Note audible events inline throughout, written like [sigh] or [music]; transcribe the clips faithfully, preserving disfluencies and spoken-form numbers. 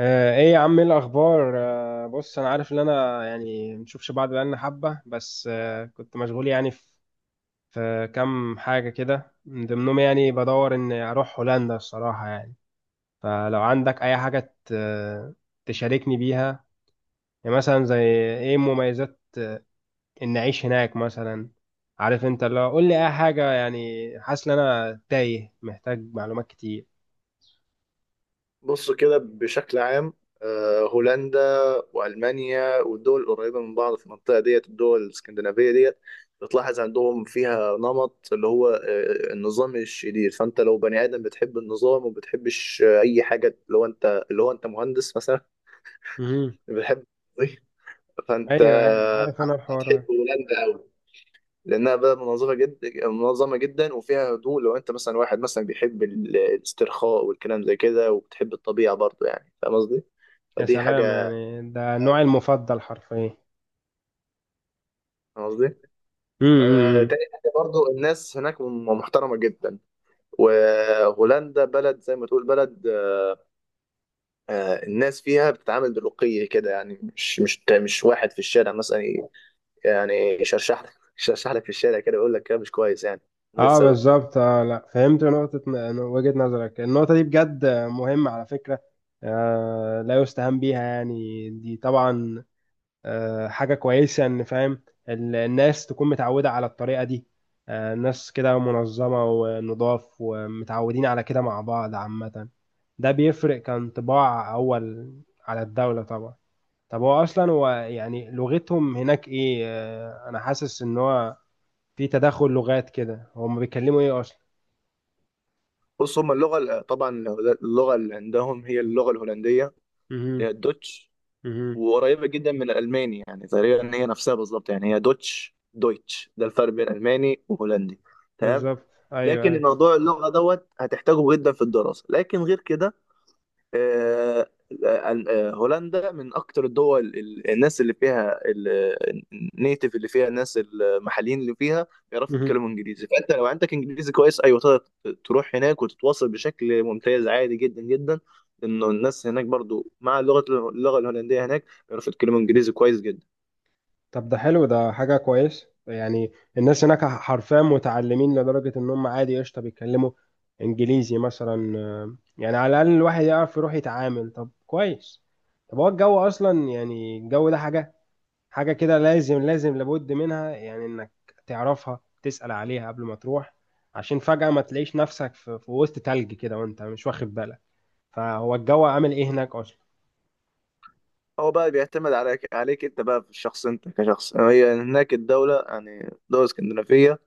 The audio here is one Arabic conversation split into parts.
آه، ايه يا عم، ايه الاخبار؟ آه، بص، انا عارف ان انا يعني مشوفش بعض بقالنا حبه، بس آه، كنت مشغول يعني، في في كام حاجه كده، من ضمنهم يعني بدور ان اروح هولندا الصراحه يعني. فلو عندك اي حاجه ت- تشاركني بيها، يعني مثلا زي ايه مميزات ان اعيش هناك مثلا. عارف انت، لو قول لي اي حاجه، يعني حاسس ان انا تايه، محتاج معلومات كتير. بص كده بشكل عام، آه، هولندا وألمانيا والدول القريبة من بعض في المنطقة ديت، الدول الاسكندنافية ديت، بتلاحظ عندهم فيها نمط اللي هو آه، النظام الشديد. فأنت لو بني آدم بتحب النظام وبتحبش آه، أي حاجة، اللي هو أنت اللي هو أنت مهندس مثلا مهم. بتحب [laughs] فأنت ايوه ايوه، عارف انا الحوار هتحب ده. هولندا أوي، لأنها بلد منظمة جدا منظمة جدا وفيها هدوء. لو أنت مثلا واحد مثلا بيحب ال- الاسترخاء والكلام زي كده وبتحب الطبيعة برضه، يعني فاهم قصدي؟ يا فدي سلام، حاجة. يعني ده نوعي المفضل حرفيا. فاهم قصدي. آه، امم. تاني حاجة برضو الناس هناك م- محترمة جدا، وهولندا بلد زي ما تقول بلد. آه، الناس فيها بتتعامل برقي كده يعني، مش مش مش واحد في الشارع مثلا ي- يعني يشرشح لك [laughs] يشرشح لك في الشارع كده، يقول لك كلام مش كويس يعني، من غير اه سبب. بالظبط، اه لا، فهمت نقطة ن- وجهة نظرك، النقطة دي بجد مهمة على فكرة. آه لا يستهان بيها يعني، دي طبعا آه حاجة كويسة ان فاهم ال- الناس تكون متعودة على الطريقة دي. آه الناس كده منظمة ونضاف ومتعودين على كده مع بعض عامة. ده بيفرق كان طباع أول على الدولة طبعا. طب هو أصلا، هو يعني لغتهم هناك إيه؟ انا حاسس ان هو في تداخل لغات كده، هم بيتكلموا ايه اصلا؟ بص، هما اللغة ال- طبعا اللغة اللي عندهم هي اللغة الهولندية، اللي مهم. هي الدوتش، مهم. وقريبه جدا من الالماني، يعني تقريبا ان هي نفسها بالظبط، يعني هي دوتش دويتش، ده الفرق بين الماني وهولندي. تمام. بالظبط. ايوه لكن ايوه. الموضوع اللغه دوت هتحتاجه جدا في الدراسه، لكن غير كده آه، آه، هولندا من اكتر الدول ال- الناس اللي فيها النيتيف، اللي فيها الناس المحليين اللي فيها بيعرفوا مهم. يتكلموا انجليزي، فانت لو عندك انجليزي كويس ايوه تقدر تروح هناك وتتواصل بشكل ممتاز عادي جدا جدا، لانه الناس هناك برضو مع اللغه اللغه الهولنديه هناك بيعرفوا يتكلموا انجليزي كويس جدا. طب ده حلو، ده حاجه كويس يعني. الناس هناك حرفيا متعلمين لدرجه ان هم عادي، قشطه بيتكلموا انجليزي مثلا. آه، يعني على الاقل الواحد يعرف يروح يتعامل. طب كويس. طب هو الجو اصلا، يعني الجو ده حاجه حاجة كده، لازم لازم لابد منها، يعني انك تعرفها تسأل عليها قبل ما تروح، عشان فجأة ما تلاقيش نفسك في, في وسط تلج كده وانت مش واخد بالك. فهو الجو عامل ايه هناك اصلا؟ هو بقى بيعتمد عليك عليك انت بقى، في الشخص انت كشخص، هي هناك الدوله يعني دوله اسكندنافيه.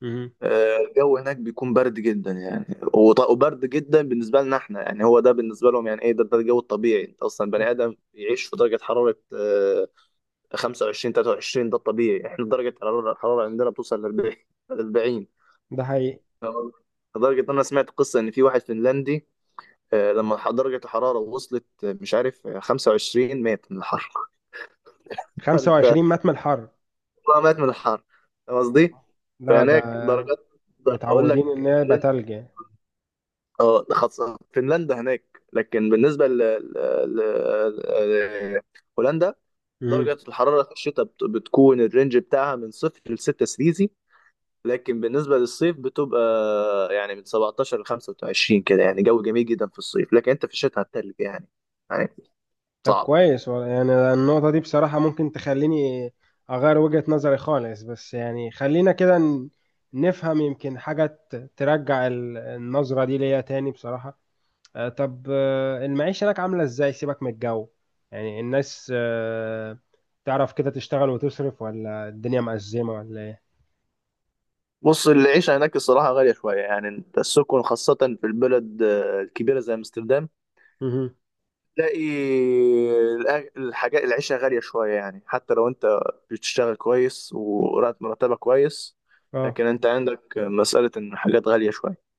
مهم. آه، الجو هناك بيكون برد جدا يعني، وط- وبرد جدا بالنسبة لنا احنا. يعني هو ده بالنسبة لهم يعني ايه، ده ده الجو الطبيعي. انت اصلا بني ادم يعيش في درجة حرارة آه، خمسة وعشرين ثلاثة وعشرين، ده الطبيعي. احنا درجة حرارة الحرارة عندنا بتوصل ل أربعين أربعين. ده حقيقي. لدرجة ان انا سمعت قصة ان في واحد فنلندي، آه، لما ح- درجة الحرارة وصلت، آه، مش عارف، آه، خمسة وعشرين، مات من الحر. [laughs] انت خمسة وعشرين متر من الحر! مات من الحر، فاهم قصدي؟ لا ده فهناك درجات، اقول لك. متعودين ان هي يبقى تلج يعني. اه خاصة فنلندا هناك، لكن بالنسبة ل... ل... ل... آه، هولندا، مهم. درجة الحرارة في الشتاء بت... بتكون الرينج بتاعها من صفر لستة سليزي. لكن بالنسبة للصيف بتبقى يعني من سبعتاشر ل خمسة وعشرين كده، يعني جو جميل جدا في الصيف، لكن انت في الشتاء هتتلج يعني. يعني طب صعب. كويس والله. يعني النقطة دي بصراحة ممكن تخليني أغير وجهة نظري خالص، بس يعني خلينا كده ن- نفهم، يمكن حاجة ت- ترجع ال- النظرة دي ليا تاني بصراحة. آه، طب، آه، المعيشة هناك عاملة إزاي؟ سيبك من الجو، يعني الناس آه، تعرف كده تشتغل وتصرف، ولا الدنيا مأزمة ولا إيه؟ بص العيشة هناك الصراحة غالية شوية يعني. انت السكن خاصة في البلد آه، الكبيرة زي امستردام، مهم. تلاقي الأ- الحاجات العيشة غالية شوية يعني، حتى لو انت بتشتغل كويس وراتب مرتبك كويس، آه لكن انت عندك مسألة ان الحاجات غالية شوية.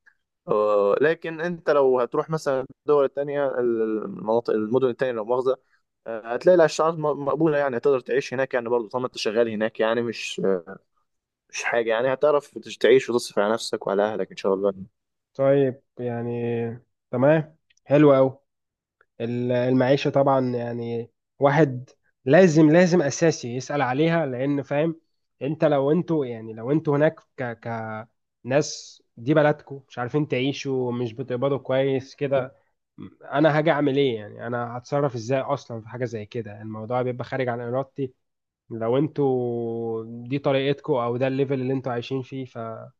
آه، لكن انت لو هتروح مثلا الدول التانية، المناطق، المدن التانية، لو مؤاخذة، آه، هتلاقي الأسعار م- مقبولة يعني، هتقدر تعيش هناك يعني برضه، طالما انت شغال هناك يعني، مش آه، مش حاجة يعني. هتعرف تعيش وتصرف على نفسك وعلى أهلك إن شاء الله. طيب يعني، تمام، حلو أوي. ال- المعيشة طبعا يعني، واحد لازم لازم أساسي يسأل عليها، لأن فاهم أنت لو أنتوا، يعني لو أنتوا هناك ك كناس دي بلدكم، مش عارفين تعيشوا، مش بتقبضوا كويس كده، أنا هاجي أعمل إيه؟ يعني أنا هتصرف إزاي أصلا؟ في حاجة زي كده الموضوع بيبقى خارج عن إرادتي. لو أنتوا دي طريقتكم، أو ده الليفل اللي أنتوا عايشين فيه، فصراحة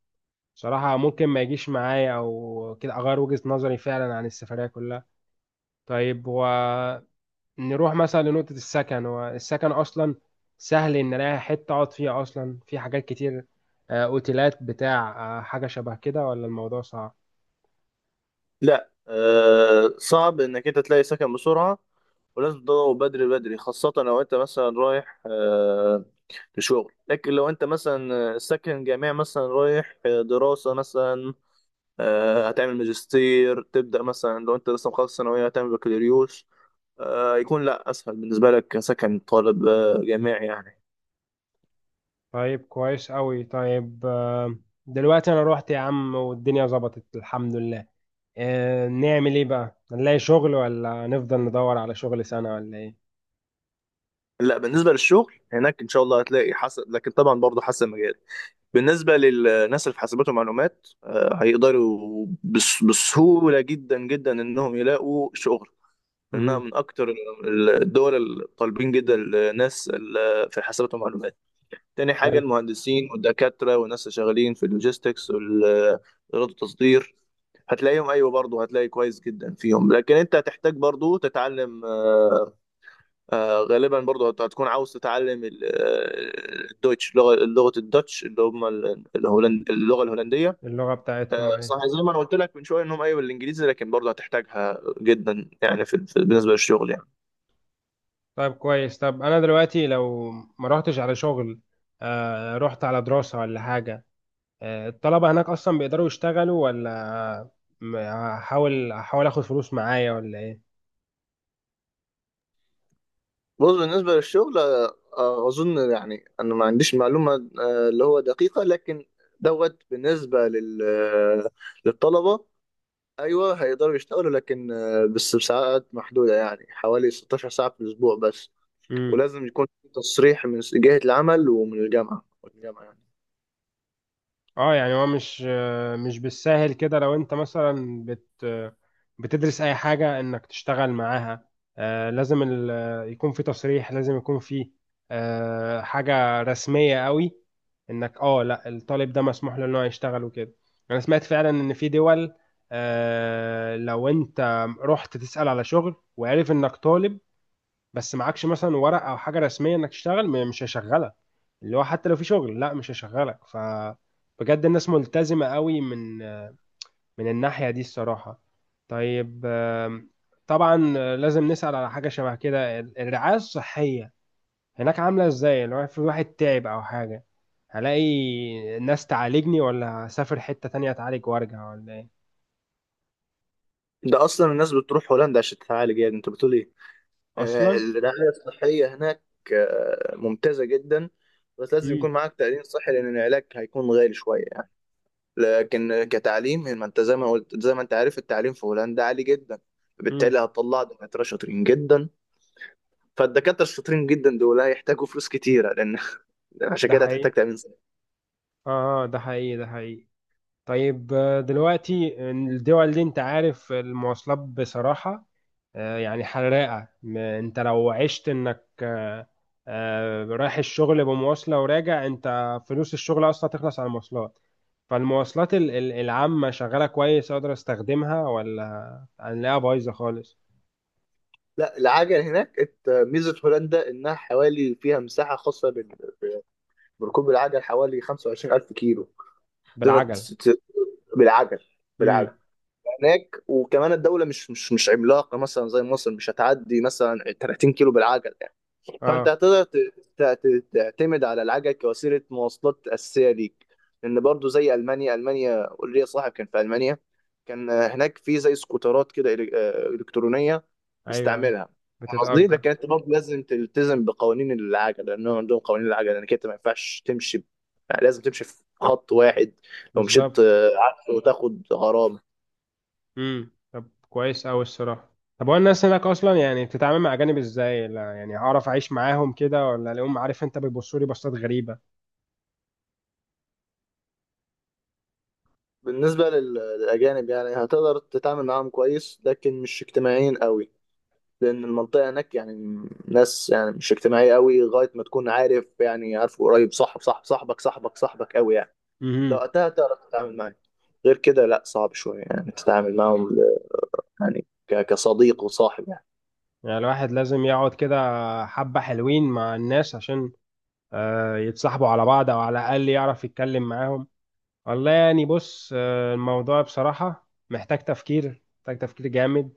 ممكن ما يجيش معايا، أو كده أغير وجهة نظري فعلا عن السفرية كلها. طيب هو، نروح مثلا لنقطة السكن. هو السكن أصلا سهل إن ألاقي حتة أقعد فيها أصلا؟ في حاجات كتير، آه، أوتيلات بتاع، آه، حاجة شبه كده، ولا الموضوع صعب؟ لا آه، صعب انك انت تلاقي سكن بسرعه، ولازم تدور بدري بدري. خاصة لو انت مثلا رايح آه، لشغل، لكن لو انت مثلا ساكن جامعي، مثلا رايح آه، دراسة مثلا، آه، هتعمل ماجستير، تبدأ مثلا لو انت لسه مخلص ثانوية هتعمل بكالوريوس، آه، يكون لا اسهل بالنسبة لك كسكن طالب آه، جامعي يعني. طيب كويس أوي. طيب، آه، دلوقتي أنا روحت يا عم والدنيا ظبطت الحمد لله. آه، نعمل إيه بقى، نلاقي شغل ولا نفضل ندور على شغل سنة ولا إيه؟ لا بالنسبة للشغل هناك ان شاء الله هتلاقي، حسب، لكن طبعا برضه حسب المجال. بالنسبة للناس اللي في حاسبات ومعلومات، آه، هيقدروا بس- بسهولة جدا جدا إنهم يلاقوا شغل، إنها مهم. من أكتر الدول الطالبين جدا الناس ال- في حاسبات ومعلومات. تاني حاجة حلو. المهندسين والدكاترة والناس اللي شغالين في اللوجيستكس والإدارة التصدير، هتلاقيهم أيوة برضه، هتلاقي كويس جدا فيهم. لكن أنت هتحتاج برضه تتعلم آه، آه، غالبا برضو هت- هتكون عاوز تتعلم ال- آه، الدويتش، لغة لغة الدوتش، اللي هم ال- الهولند، اللغة الهولندية. اللغة آه، بتاعتهم إيه؟ صح، زي ما انا قلت لك من شوية انهم ايوه الانجليزي، لكن برضو هتحتاجها جدا يعني في في- بالنسبة للشغل يعني. طيب كويس. طب أنا دلوقتي لو ما روحتش على شغل، آه، رحت على دراسة ولا حاجة، آه، الطلبة هناك أصلا بيقدروا يشتغلوا، ولا م- هحاول هحاول آخد فلوس معايا ولا إيه؟ بص بالنسبة للشغل، آه، آه، اظن يعني انا ما عنديش معلومة آه، اللي هو دقيقة. لكن دوت بالنسبة لل آه، للطلبة، ايوه هيقدروا يشتغلوا، لكن آه، بس بساعات محدودة، يعني حوالي ستاشر ساعة في الاسبوع بس. مم. ولازم يكون في تصريح من جهة العمل ومن الجامعة والجامعة يعني. أه يعني هو مش، آه، مش بالساهل كده، لو أنت مثلا بت آه، بتدرس أي حاجة إنك تشتغل معاها. آه، لازم ال- آه، يكون في تصريح، لازم يكون في آه، حاجة رسمية قوي، إنك أه لأ الطالب ده مسموح له إن هو يشتغل وكده. أنا سمعت فعلا إن في دول، آه، لو أنت رحت تسأل على شغل وعرف إنك طالب، بس معكش مثلا ورق او حاجه رسميه انك تشتغل، م- مش هيشغلك. اللي هو حتى لو في شغل، لا، مش هيشغلك. ف بجد الناس ملتزمه قوي من من الناحيه دي الصراحه. طيب، آم، طبعا آه، لازم نسال على حاجه شبه كده، ال- الرعايه الصحيه هناك عامله ازاي؟ لو في واحد تعب او حاجه، هلاقي ناس تعالجني ولا هسافر حته تانية اتعالج وارجع ولا ايه؟ ده أصلا الناس بتروح هولندا عشان تتعالج، يعني أنت بتقول إيه؟ آه، اصلا. الرعاية الصحية هناك آه، ممتازة جدا، بس لازم امم. يكون معاك تأمين صحي، لأن العلاج هيكون غالي شوية يعني. لكن كتعليم، ما أنت زي ما قلت، زي ما أنت عارف، التعليم في هولندا عالي جدا، امم. بالتالي هتطلع دكاترة شاطرين جدا. فالدكاترة الشاطرين جدا دول هيحتاجوا فلوس كتيرة لأن [laughs] عشان ده كده حقيقي. هتحتاج تأمين. اه. آه، ده حقيقي، ده حقيقي. طيب، آه، دلوقتي الدول دي انت عارف المواصلات بصراحة، آه، يعني حراقة. م- انت لو عشت انك، آه، آه، رايح الشغل بمواصلة وراجع، انت فلوس الشغل اصلا تخلص على المواصلات. فالمواصلات ال- ال- العامة شغالة كويس اقدر استخدمها، ولا هنلاقيها بايظة خالص؟ لا، العجل هناك، ات- ميزة هولندا إنها حوالي فيها مساحة خاصة بال- بركوب العجل، حوالي خمسة وعشرين ألف كيلو تقدر بالعجل؟ تس- ت- بالعجل. بالعجل امم. هناك، وكمان الدولة مش مش مش عملاقة مثلا زي مصر، مش هتعدي مثلا تلاتين كيلو بالعجل. فانت اه. هتقدر ت- ت- ت- تعتمد على العجل كوسيله مواصلات اساسيه ليك. لان برضو زي المانيا، المانيا ليا صاحب كان في المانيا، كان هناك في زي سكوترات كده إلك- آه، الكترونيه ايوه، أيوة. بيستعملها. فاهم قصدي. بتتأجر. لكن انت برضو لازم تلتزم بقوانين العجل، لانهم عندهم قوانين العجل انك انت ما ينفعش تمشي ب- يعني لازم تمشي في خط واحد، لو مشيت بالظبط. آه، عكسه وتاخد غرامه. امم. طب كويس قوي الصراحه. طب هو الناس هناك اصلا يعني بتتعامل مع اجانب ازاي؟ لا يعني هعرف اعيش معاهم كده، ولا اليوم عارف انت بيبصوا لي بصات غريبه؟ بالنسبه لل- للاجانب، يعني هتقدر تتعامل معاهم كويس، لكن مش اجتماعيين قوي. لان المنطقه هناك يعني ناس يعني مش اجتماعيه قوي، لغايه ما تكون عارف، يعني عارف قريب، صاحب صاحب صاحبك صاحبك صاحبك قوي يعني. لو امم. وقتها تعرف تتعامل معاه، غير كده لا صعب شويه يعني تتعامل معاهم، يعني ك- كصديق وصاحب يعني. يعني الواحد لازم يقعد كده حبه حلوين مع الناس عشان آه، يتصاحبوا على بعض، او على الاقل يعرف يتكلم معاهم. والله يعني بص، آه، الموضوع بصراحه محتاج تفكير، محتاج تفكير جامد.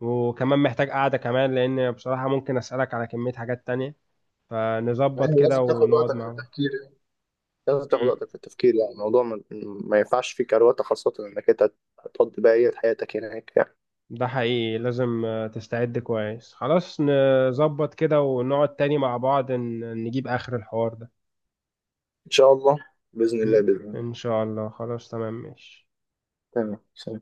وكمان محتاج قعده كمان، لان بصراحه ممكن اسالك على كميه حاجات تانية، فنظبط يعني لازم كده تاخد ونقعد وقتك في مع التفكير يعني. لازم تاخد بعض. وقتك في التفكير، يعني الموضوع ما, ما ينفعش فيه كروته، خاصة انك انت هتقضي بقية حياتك هناك يعني. ده حقيقي، لازم آه، تستعد كويس. خلاص نظبط كده ونقعد تاني مع بعض، ن- نجيب آخر الحوار ده. ان شاء الله. بإذن م. الله، بإذن الله. إن شاء الله، خلاص، تمام ماشي. تمام. سلام.